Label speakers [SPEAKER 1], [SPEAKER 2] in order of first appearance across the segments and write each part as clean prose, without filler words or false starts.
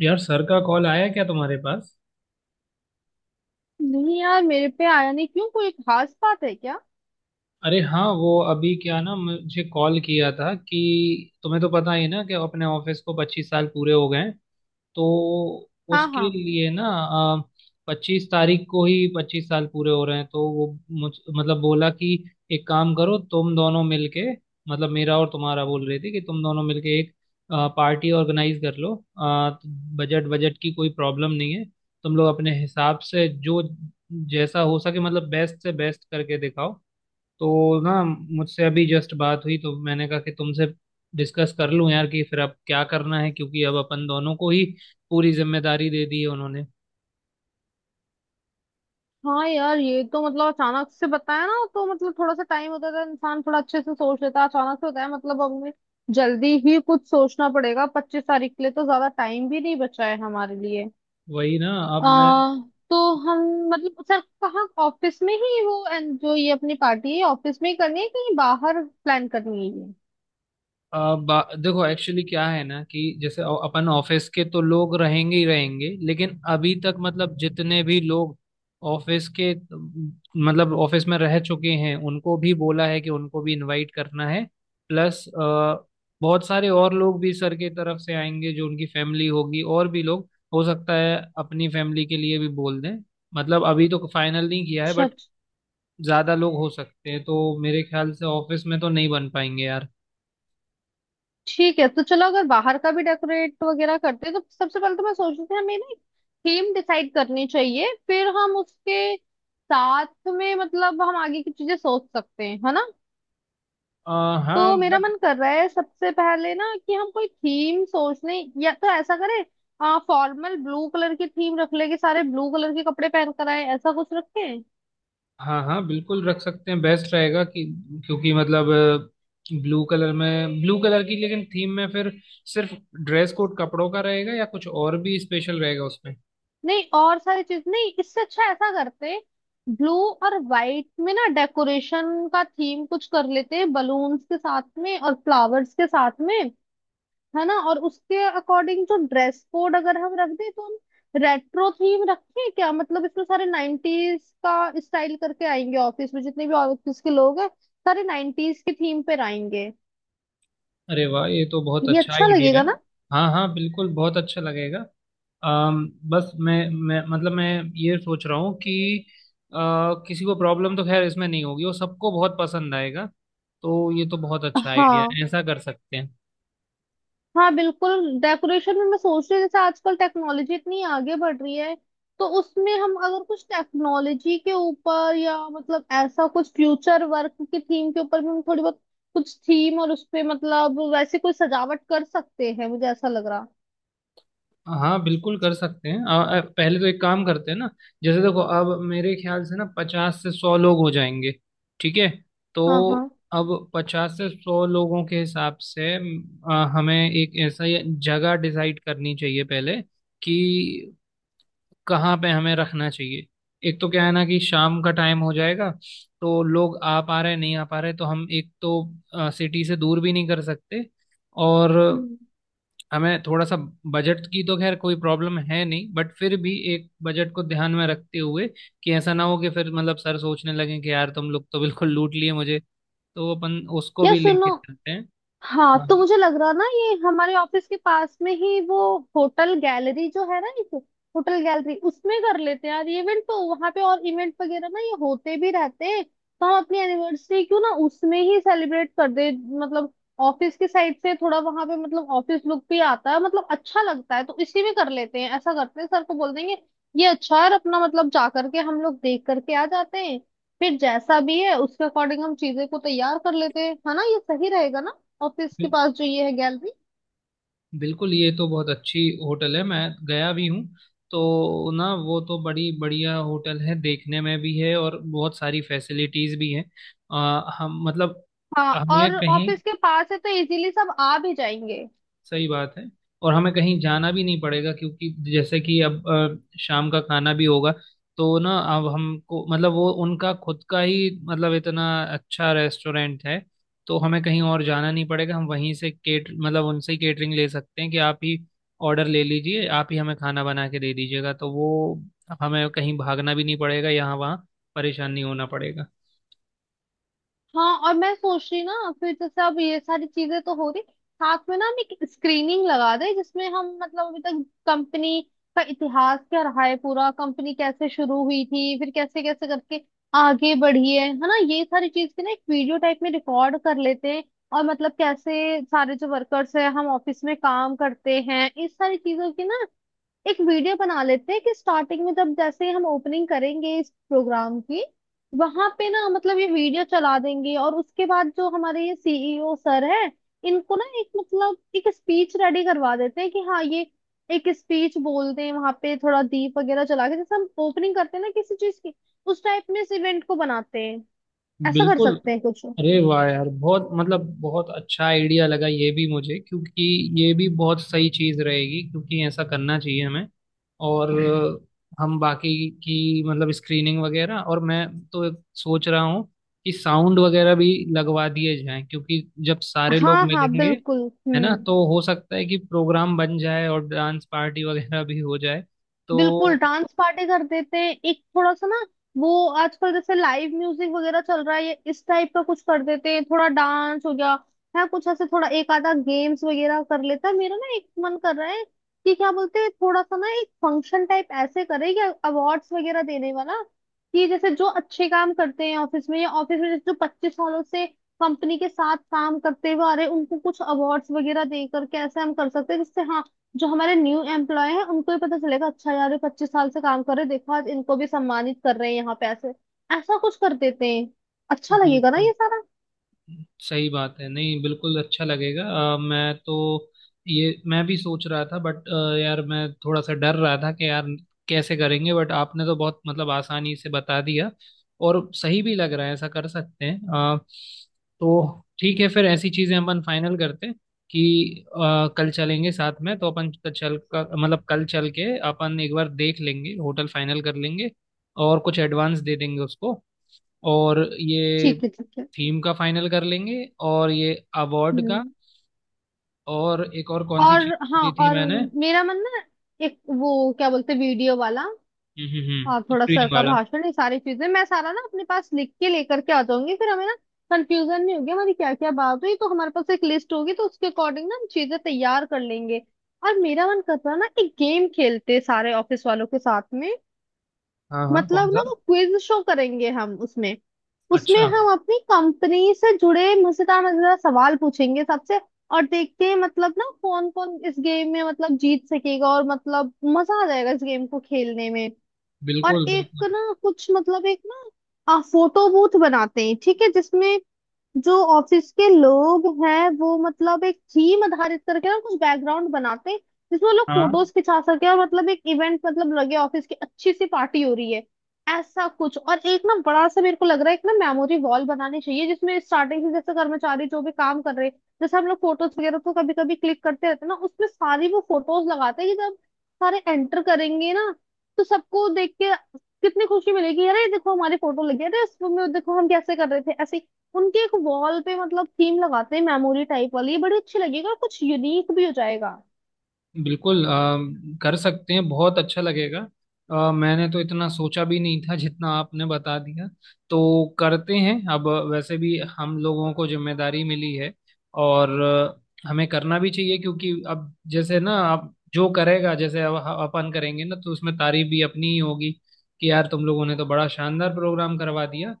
[SPEAKER 1] यार, सर का कॉल आया क्या तुम्हारे पास?
[SPEAKER 2] नहीं यार, मेरे पे आया नहीं। क्यों, कोई खास बात है क्या?
[SPEAKER 1] अरे हाँ, वो अभी क्या ना, मुझे कॉल किया था कि तुम्हें तो पता ही है ना कि अपने ऑफिस को 25 साल पूरे हो गए हैं। तो
[SPEAKER 2] हाँ
[SPEAKER 1] उसके
[SPEAKER 2] हाँ।
[SPEAKER 1] लिए ना, 25 तारीख को ही 25 साल पूरे हो रहे हैं। तो वो मुझ मतलब बोला कि एक काम करो, तुम दोनों मिलके, मतलब मेरा और तुम्हारा, बोल रही थी कि तुम दोनों मिलके एक पार्टी ऑर्गेनाइज कर लो। बजट बजट की कोई प्रॉब्लम नहीं है। तुम लोग अपने हिसाब से जो जैसा हो सके, मतलब बेस्ट से बेस्ट करके दिखाओ। तो ना, मुझसे अभी जस्ट बात हुई तो मैंने कहा कि तुमसे डिस्कस कर लूं यार कि फिर अब क्या करना है, क्योंकि अब अपन दोनों को ही पूरी जिम्मेदारी दे दी है उन्होंने।
[SPEAKER 2] हाँ यार, ये तो मतलब अचानक से बताया ना, तो मतलब थोड़ा सा टाइम होता था, इंसान थोड़ा अच्छे से सोच लेता। अचानक से होता है, मतलब अब हमें जल्दी ही कुछ सोचना पड़ेगा। 25 तारीख के लिए तो ज्यादा टाइम भी नहीं बचा है हमारे लिए।
[SPEAKER 1] वही ना। अब
[SPEAKER 2] आ,
[SPEAKER 1] मैं
[SPEAKER 2] तो हम मतलब सर कहाँ, ऑफिस में ही वो and जो ये अपनी पार्टी है, ऑफिस में ही करनी है, कहीं बाहर प्लान करनी है ये?
[SPEAKER 1] देखो, एक्चुअली क्या है ना कि जैसे अपन ऑफिस के तो लोग रहेंगे ही रहेंगे, लेकिन अभी तक मतलब जितने भी लोग ऑफिस के, मतलब ऑफिस में रह चुके हैं, उनको भी बोला है कि उनको भी इनवाइट करना है। प्लस, बहुत सारे और लोग भी सर की तरफ से आएंगे, जो उनकी फैमिली होगी और भी लोग। हो सकता है अपनी फैमिली के लिए भी बोल दें। मतलब अभी तो फाइनल नहीं किया है
[SPEAKER 2] अच्छा,
[SPEAKER 1] बट ज्यादा लोग हो सकते हैं, तो मेरे ख्याल से ऑफिस में तो नहीं बन पाएंगे यार।
[SPEAKER 2] ठीक है। तो चलो, अगर बाहर का भी डेकोरेट वगैरह करते हैं तो सबसे पहले तो मैं सोच रही थी, हमें ना थीम डिसाइड करनी चाहिए, फिर हम उसके साथ में मतलब हम आगे की चीजें सोच सकते हैं, है ना।
[SPEAKER 1] अ,
[SPEAKER 2] तो
[SPEAKER 1] हाँ
[SPEAKER 2] मेरा मन कर रहा है सबसे पहले ना, कि हम कोई थीम सोच लें। या तो ऐसा करें, आ फॉर्मल ब्लू कलर की थीम रख ले कि सारे ब्लू कलर के कपड़े पहन कर आए, ऐसा कुछ रखें।
[SPEAKER 1] हाँ हाँ, बिल्कुल रख सकते हैं। बेस्ट रहेगा कि, क्योंकि मतलब ब्लू कलर में, ब्लू कलर की लेकिन थीम में फिर सिर्फ ड्रेस कोड कपड़ों का रहेगा या कुछ और भी स्पेशल रहेगा उसमें?
[SPEAKER 2] नहीं, और सारी चीज नहीं, इससे अच्छा ऐसा करते, ब्लू और व्हाइट में ना डेकोरेशन का थीम कुछ कर लेते बलून्स के साथ में और फ्लावर्स के साथ में, है ना। और उसके अकॉर्डिंग जो ड्रेस कोड अगर हम रख दें, तो हम रेट्रो थीम रखें क्या? मतलब इसमें सारे नाइनटीज का स्टाइल करके आएंगे ऑफिस में, जितने भी ऑफिस के लोग हैं सारे नाइनटीज की थीम पर आएंगे।
[SPEAKER 1] अरे वाह, ये तो बहुत
[SPEAKER 2] ये
[SPEAKER 1] अच्छा
[SPEAKER 2] अच्छा
[SPEAKER 1] आइडिया
[SPEAKER 2] लगेगा
[SPEAKER 1] है।
[SPEAKER 2] ना?
[SPEAKER 1] हाँ हाँ, बिल्कुल बहुत अच्छा लगेगा। बस मैं ये सोच रहा हूँ कि अ, किसी को प्रॉब्लम तो खैर इसमें नहीं होगी, वो सबको बहुत पसंद आएगा। तो ये तो बहुत अच्छा आइडिया
[SPEAKER 2] हाँ
[SPEAKER 1] है, ऐसा कर सकते हैं।
[SPEAKER 2] हाँ बिल्कुल। डेकोरेशन में मैं सोच रही हूँ, जैसे आजकल टेक्नोलॉजी इतनी आगे बढ़ रही है तो उसमें हम अगर कुछ टेक्नोलॉजी के ऊपर, या मतलब ऐसा कुछ फ्यूचर वर्क की थीम के ऊपर भी, हम थोड़ी बहुत कुछ थीम और उस पे मतलब वैसे कोई सजावट कर सकते हैं, मुझे ऐसा लग रहा।
[SPEAKER 1] हाँ बिल्कुल कर सकते हैं। आ, आ, पहले तो एक काम करते हैं ना। जैसे देखो, अब मेरे ख्याल से ना 50 से 100 लोग हो जाएंगे। ठीक है? तो
[SPEAKER 2] हाँ हाँ।
[SPEAKER 1] अब 50 से 100 लोगों के हिसाब से हमें एक ऐसा ही जगह डिसाइड करनी चाहिए पहले कि कहाँ पे हमें रखना चाहिए। एक तो क्या है ना कि शाम का टाइम हो जाएगा तो लोग आ पा रहे नहीं आ पा रहे, तो हम एक तो सिटी से दूर भी नहीं कर सकते। और
[SPEAKER 2] हम्म।
[SPEAKER 1] हमें थोड़ा सा, बजट की तो खैर कोई प्रॉब्लम है नहीं बट फिर भी एक बजट को ध्यान में रखते हुए कि ऐसा ना हो कि फिर मतलब सर सोचने लगे कि यार तुम लोग तो बिल्कुल लूट लिए मुझे। तो अपन उसको
[SPEAKER 2] या
[SPEAKER 1] भी
[SPEAKER 2] सुनो,
[SPEAKER 1] लेके चलते हैं।
[SPEAKER 2] हाँ
[SPEAKER 1] हाँ,
[SPEAKER 2] तो मुझे लग रहा ना, ये हमारे ऑफिस के पास में ही वो होटल गैलरी जो है ना, एक होटल गैलरी, उसमें कर लेते हैं यार इवेंट, तो वहां पे और इवेंट वगैरह ना ये होते भी रहते हैं, तो हम अपनी एनिवर्सरी क्यों ना उसमें ही सेलिब्रेट कर दे। मतलब ऑफिस की साइड से थोड़ा वहां पे मतलब ऑफिस लुक भी आता है, मतलब अच्छा लगता है, तो इसी में कर लेते हैं। ऐसा करते हैं, सर को बोल देंगे। ये अच्छा है। और अपना मतलब जा करके हम लोग देख करके आ जाते हैं, फिर जैसा भी है उसके अकॉर्डिंग हम चीजें को तैयार कर लेते हैं, है ना। ये सही रहेगा ना, ऑफिस के
[SPEAKER 1] बिल-
[SPEAKER 2] पास जो ये है गैलरी?
[SPEAKER 1] बिल्कुल ये तो बहुत अच्छी होटल है, मैं गया भी हूँ। तो ना, वो तो बड़ी बढ़िया होटल है, देखने में भी है और बहुत सारी फैसिलिटीज भी हैं। हम मतलब
[SPEAKER 2] हाँ,
[SPEAKER 1] हमें
[SPEAKER 2] और
[SPEAKER 1] कहीं,
[SPEAKER 2] ऑफिस के पास है तो इजीली सब आ भी जाएंगे।
[SPEAKER 1] सही बात है। और हमें कहीं जाना भी नहीं पड़ेगा, क्योंकि जैसे कि अब शाम का खाना भी होगा। तो ना अब हमको मतलब वो उनका खुद का ही, मतलब इतना अच्छा रेस्टोरेंट है, तो हमें कहीं और जाना नहीं पड़ेगा। हम वहीं से केट मतलब उनसे ही केटरिंग ले सकते हैं कि आप ही ऑर्डर ले लीजिए, आप ही हमें खाना बना के दे दीजिएगा। तो वो हमें कहीं भागना भी नहीं पड़ेगा यहाँ वहाँ, परेशान नहीं होना पड़ेगा।
[SPEAKER 2] हाँ, और मैं सोच रही ना, फिर जैसे अब ये सारी चीजें तो हो रही साथ में ना, हम एक स्क्रीनिंग लगा दें जिसमें हम मतलब अभी तक कंपनी का इतिहास क्या रहा है पूरा, कंपनी कैसे शुरू हुई थी, फिर कैसे कैसे करके आगे बढ़ी है ना, ये सारी चीज की ना एक वीडियो टाइप में रिकॉर्ड कर लेते हैं। और मतलब कैसे सारे जो वर्कर्स हैं हम ऑफिस में काम करते हैं, इस सारी चीजों की ना एक वीडियो बना लेते हैं, कि स्टार्टिंग में जब जैसे हम ओपनिंग करेंगे इस प्रोग्राम की, वहां पे ना मतलब ये वीडियो चला देंगे। और उसके बाद जो हमारे ये सीईओ सर है, इनको ना एक मतलब एक स्पीच रेडी करवा देते हैं, कि हाँ ये एक स्पीच बोल दें वहां पे, थोड़ा दीप वगैरह जला के जैसे हम ओपनिंग करते हैं ना किसी चीज की, उस टाइप में इस इवेंट को बनाते हैं। ऐसा कर
[SPEAKER 1] बिल्कुल।
[SPEAKER 2] सकते हैं कुछ।
[SPEAKER 1] अरे वाह यार, बहुत मतलब बहुत अच्छा आइडिया लगा ये भी मुझे, क्योंकि ये भी बहुत सही चीज रहेगी, क्योंकि ऐसा करना चाहिए हमें। और हम बाकी की मतलब स्क्रीनिंग वगैरह, और मैं तो सोच रहा हूँ कि साउंड वगैरह भी लगवा दिए जाएं, क्योंकि जब सारे लोग
[SPEAKER 2] हाँ हाँ
[SPEAKER 1] मिलेंगे,
[SPEAKER 2] बिल्कुल।
[SPEAKER 1] है ना,
[SPEAKER 2] हम्म।
[SPEAKER 1] तो हो सकता है कि प्रोग्राम बन जाए और डांस पार्टी वगैरह भी हो जाए।
[SPEAKER 2] बिल्कुल
[SPEAKER 1] तो
[SPEAKER 2] डांस पार्टी कर देते हैं, एक थोड़ा सा ना वो आजकल जैसे लाइव म्यूजिक वगैरह चल रहा है, ये इस टाइप का कुछ कर देते हैं, थोड़ा डांस हो गया है, कुछ ऐसे थोड़ा एक आधा गेम्स वगैरह कर लेता है। मेरा ना एक मन कर रहा है कि क्या बोलते हैं, थोड़ा सा ना एक फंक्शन टाइप ऐसे करें कि अवार्ड्स वगैरह देने वाला, कि जैसे जो अच्छे काम करते हैं ऑफिस में, या ऑफिस में जैसे जो 25 सालों से कंपनी के साथ काम करते हुए आ रहे हैं, उनको कुछ अवार्ड्स वगैरह देकर कैसे हम कर सकते हैं, जिससे हाँ जो हमारे न्यू एम्प्लॉय हैं उनको ही पता चलेगा, अच्छा यार ये 25 साल से काम कर रहे, देखो आज इनको भी सम्मानित कर रहे हैं यहाँ पे, ऐसे ऐसा कुछ कर देते हैं। अच्छा लगेगा ना
[SPEAKER 1] बिल्कुल।
[SPEAKER 2] ये सारा?
[SPEAKER 1] सही बात है, नहीं बिल्कुल अच्छा लगेगा। मैं तो ये मैं भी सोच रहा था, बट यार मैं थोड़ा सा डर रहा था कि यार कैसे करेंगे, बट आपने तो बहुत मतलब आसानी से बता दिया, और सही भी लग रहा है, ऐसा कर सकते हैं। अ, तो ठीक है, फिर ऐसी चीजें अपन फाइनल करते हैं कि कल चलेंगे साथ में। तो अपन चल कर मतलब कल चल के अपन एक बार देख लेंगे, होटल फाइनल कर लेंगे और कुछ एडवांस दे देंगे उसको। और ये
[SPEAKER 2] ठीक है ठीक है।
[SPEAKER 1] थीम का फाइनल कर लेंगे, और ये अवार्ड का,
[SPEAKER 2] हम्म।
[SPEAKER 1] और एक और कौन सी
[SPEAKER 2] और
[SPEAKER 1] चीज
[SPEAKER 2] हाँ,
[SPEAKER 1] दी थी
[SPEAKER 2] और
[SPEAKER 1] मैंने?
[SPEAKER 2] मेरा मन ना, एक वो क्या बोलते, वीडियो वाला, और
[SPEAKER 1] हम्म,
[SPEAKER 2] थोड़ा सर
[SPEAKER 1] स्क्रीनिंग
[SPEAKER 2] का
[SPEAKER 1] वाला।
[SPEAKER 2] भाषण, ये सारी चीजें मैं सारा ना अपने पास लिख के लेकर के आ जाऊंगी, फिर हमें ना कंफ्यूजन नहीं होगी हमारी क्या क्या बात हुई। तो हमारे पास एक लिस्ट होगी, तो उसके अकॉर्डिंग ना हम चीजें तैयार कर लेंगे। और मेरा मन कर रहा है ना, एक गेम खेलते सारे ऑफिस वालों के साथ में।
[SPEAKER 1] हाँ हाँ, कौन
[SPEAKER 2] मतलब ना
[SPEAKER 1] सा?
[SPEAKER 2] वो क्विज शो करेंगे हम उसमें। उसमें
[SPEAKER 1] अच्छा।
[SPEAKER 2] हम अपनी कंपनी से जुड़े मजेदार मजेदार सवाल पूछेंगे सबसे। और देखते हैं मतलब ना कौन कौन इस गेम में मतलब जीत सकेगा, और मतलब मजा आ जाएगा इस गेम को खेलने में। और
[SPEAKER 1] बिल्कुल बिल्कुल।
[SPEAKER 2] एक ना कुछ मतलब, एक ना फोटो बूथ बनाते हैं, ठीक है, जिसमें जो ऑफिस के लोग हैं वो मतलब एक थीम आधारित करके ना कुछ बैकग्राउंड बनाते हैं, जिसमें वो लोग
[SPEAKER 1] हाँ
[SPEAKER 2] फोटोज खिंचा सके, और मतलब एक इवेंट मतलब लगे ऑफिस की अच्छी सी पार्टी हो रही है, ऐसा कुछ। और एक ना, बड़ा सा मेरे को लग रहा है एक ना मेमोरी वॉल बनानी चाहिए, जिसमें स्टार्टिंग से जैसे कर्मचारी जो भी काम कर रहे हैं, जैसे हम लोग फोटोज वगैरह तो कभी कभी क्लिक करते रहते हैं ना, उसमें सारी वो फोटोज लगाते हैं, कि जब सारे एंटर करेंगे ना तो सबको देख के कितनी खुशी मिलेगी, अरे देखो हमारी फोटो लगी है, अरे इस में देखो हम कैसे कर रहे थे ऐसे ही। उनके एक वॉल पे मतलब थीम लगाते हैं मेमोरी टाइप वाली, ये बड़ी अच्छी लगेगी और कुछ यूनिक भी हो जाएगा।
[SPEAKER 1] बिल्कुल। कर सकते हैं, बहुत अच्छा लगेगा। मैंने तो इतना सोचा भी नहीं था जितना आपने बता दिया। तो करते हैं, अब वैसे भी हम लोगों को जिम्मेदारी मिली है, और हमें करना भी चाहिए, क्योंकि अब जैसे ना अब जो करेगा, जैसे अब अपन करेंगे ना तो उसमें तारीफ भी अपनी ही होगी कि यार तुम लोगों ने तो बड़ा शानदार प्रोग्राम करवा दिया।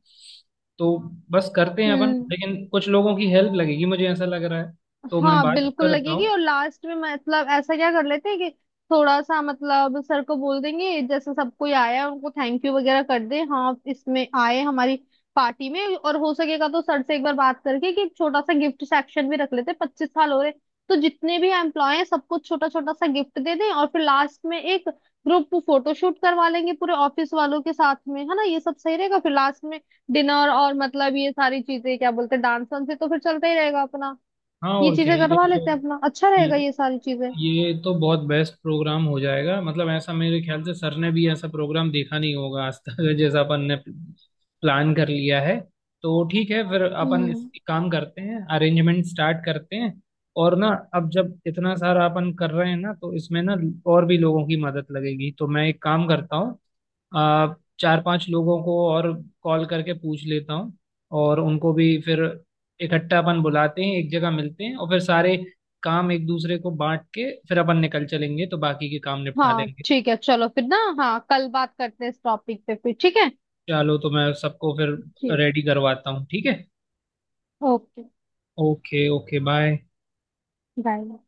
[SPEAKER 1] तो बस करते हैं अपन,
[SPEAKER 2] हम्म,
[SPEAKER 1] लेकिन कुछ लोगों की हेल्प लगेगी मुझे ऐसा लग रहा है। तो मैं
[SPEAKER 2] हाँ
[SPEAKER 1] बात
[SPEAKER 2] बिल्कुल
[SPEAKER 1] करता
[SPEAKER 2] लगेगी।
[SPEAKER 1] हूँ।
[SPEAKER 2] और लास्ट में मतलब ऐसा क्या कर लेते हैं, कि थोड़ा सा मतलब सर को बोल देंगे जैसे सब कोई आया है, उनको थैंक यू वगैरह कर दे, हाँ इसमें आए हमारी पार्टी में, और हो सकेगा तो सर से एक बार बात करके कि एक छोटा सा गिफ्ट सेक्शन भी रख लेते हैं, 25 साल हो रहे तो जितने भी एम्प्लॉय हैं सबको छोटा छोटा सा गिफ्ट दे दें। और फिर लास्ट में एक ग्रुप फोटोशूट करवा लेंगे पूरे ऑफिस वालों के साथ में, है ना। ये सब सही रहेगा। फिर लास्ट में डिनर और मतलब ये सारी चीजें क्या बोलते हैं, डांस वांस से तो फिर चलता ही रहेगा अपना।
[SPEAKER 1] हाँ
[SPEAKER 2] ये
[SPEAKER 1] और क्या,
[SPEAKER 2] चीजें
[SPEAKER 1] ये
[SPEAKER 2] करवा
[SPEAKER 1] तो
[SPEAKER 2] लेते हैं अपना, अच्छा रहेगा
[SPEAKER 1] ये
[SPEAKER 2] ये सारी चीजें।
[SPEAKER 1] ये तो बहुत बेस्ट प्रोग्राम हो जाएगा, मतलब ऐसा मेरे ख्याल से सर ने भी ऐसा प्रोग्राम देखा नहीं होगा आज तक, जैसा अपन ने प्लान कर लिया है। तो ठीक है फिर, अपन इस
[SPEAKER 2] हम्म।
[SPEAKER 1] एक काम करते हैं, अरेंजमेंट स्टार्ट करते हैं और ना, अब जब इतना सारा अपन कर रहे हैं ना तो इसमें ना, और भी लोगों की मदद लगेगी। तो मैं एक काम करता हूँ, आ, चार पांच लोगों को और कॉल करके पूछ लेता हूँ। और उनको भी फिर इकट्ठा अपन बुलाते हैं, एक जगह मिलते हैं, और फिर सारे काम एक दूसरे को बांट के फिर अपन निकल चलेंगे, तो बाकी के काम निपटा
[SPEAKER 2] हाँ
[SPEAKER 1] लेंगे।
[SPEAKER 2] ठीक है। चलो फिर ना, हाँ कल बात करते हैं इस टॉपिक पे फिर, ठीक है।
[SPEAKER 1] चलो, तो मैं सबको फिर
[SPEAKER 2] ठीक।
[SPEAKER 1] रेडी करवाता हूँ, ठीक है?
[SPEAKER 2] Okay,
[SPEAKER 1] okay okay bye.
[SPEAKER 2] Bye.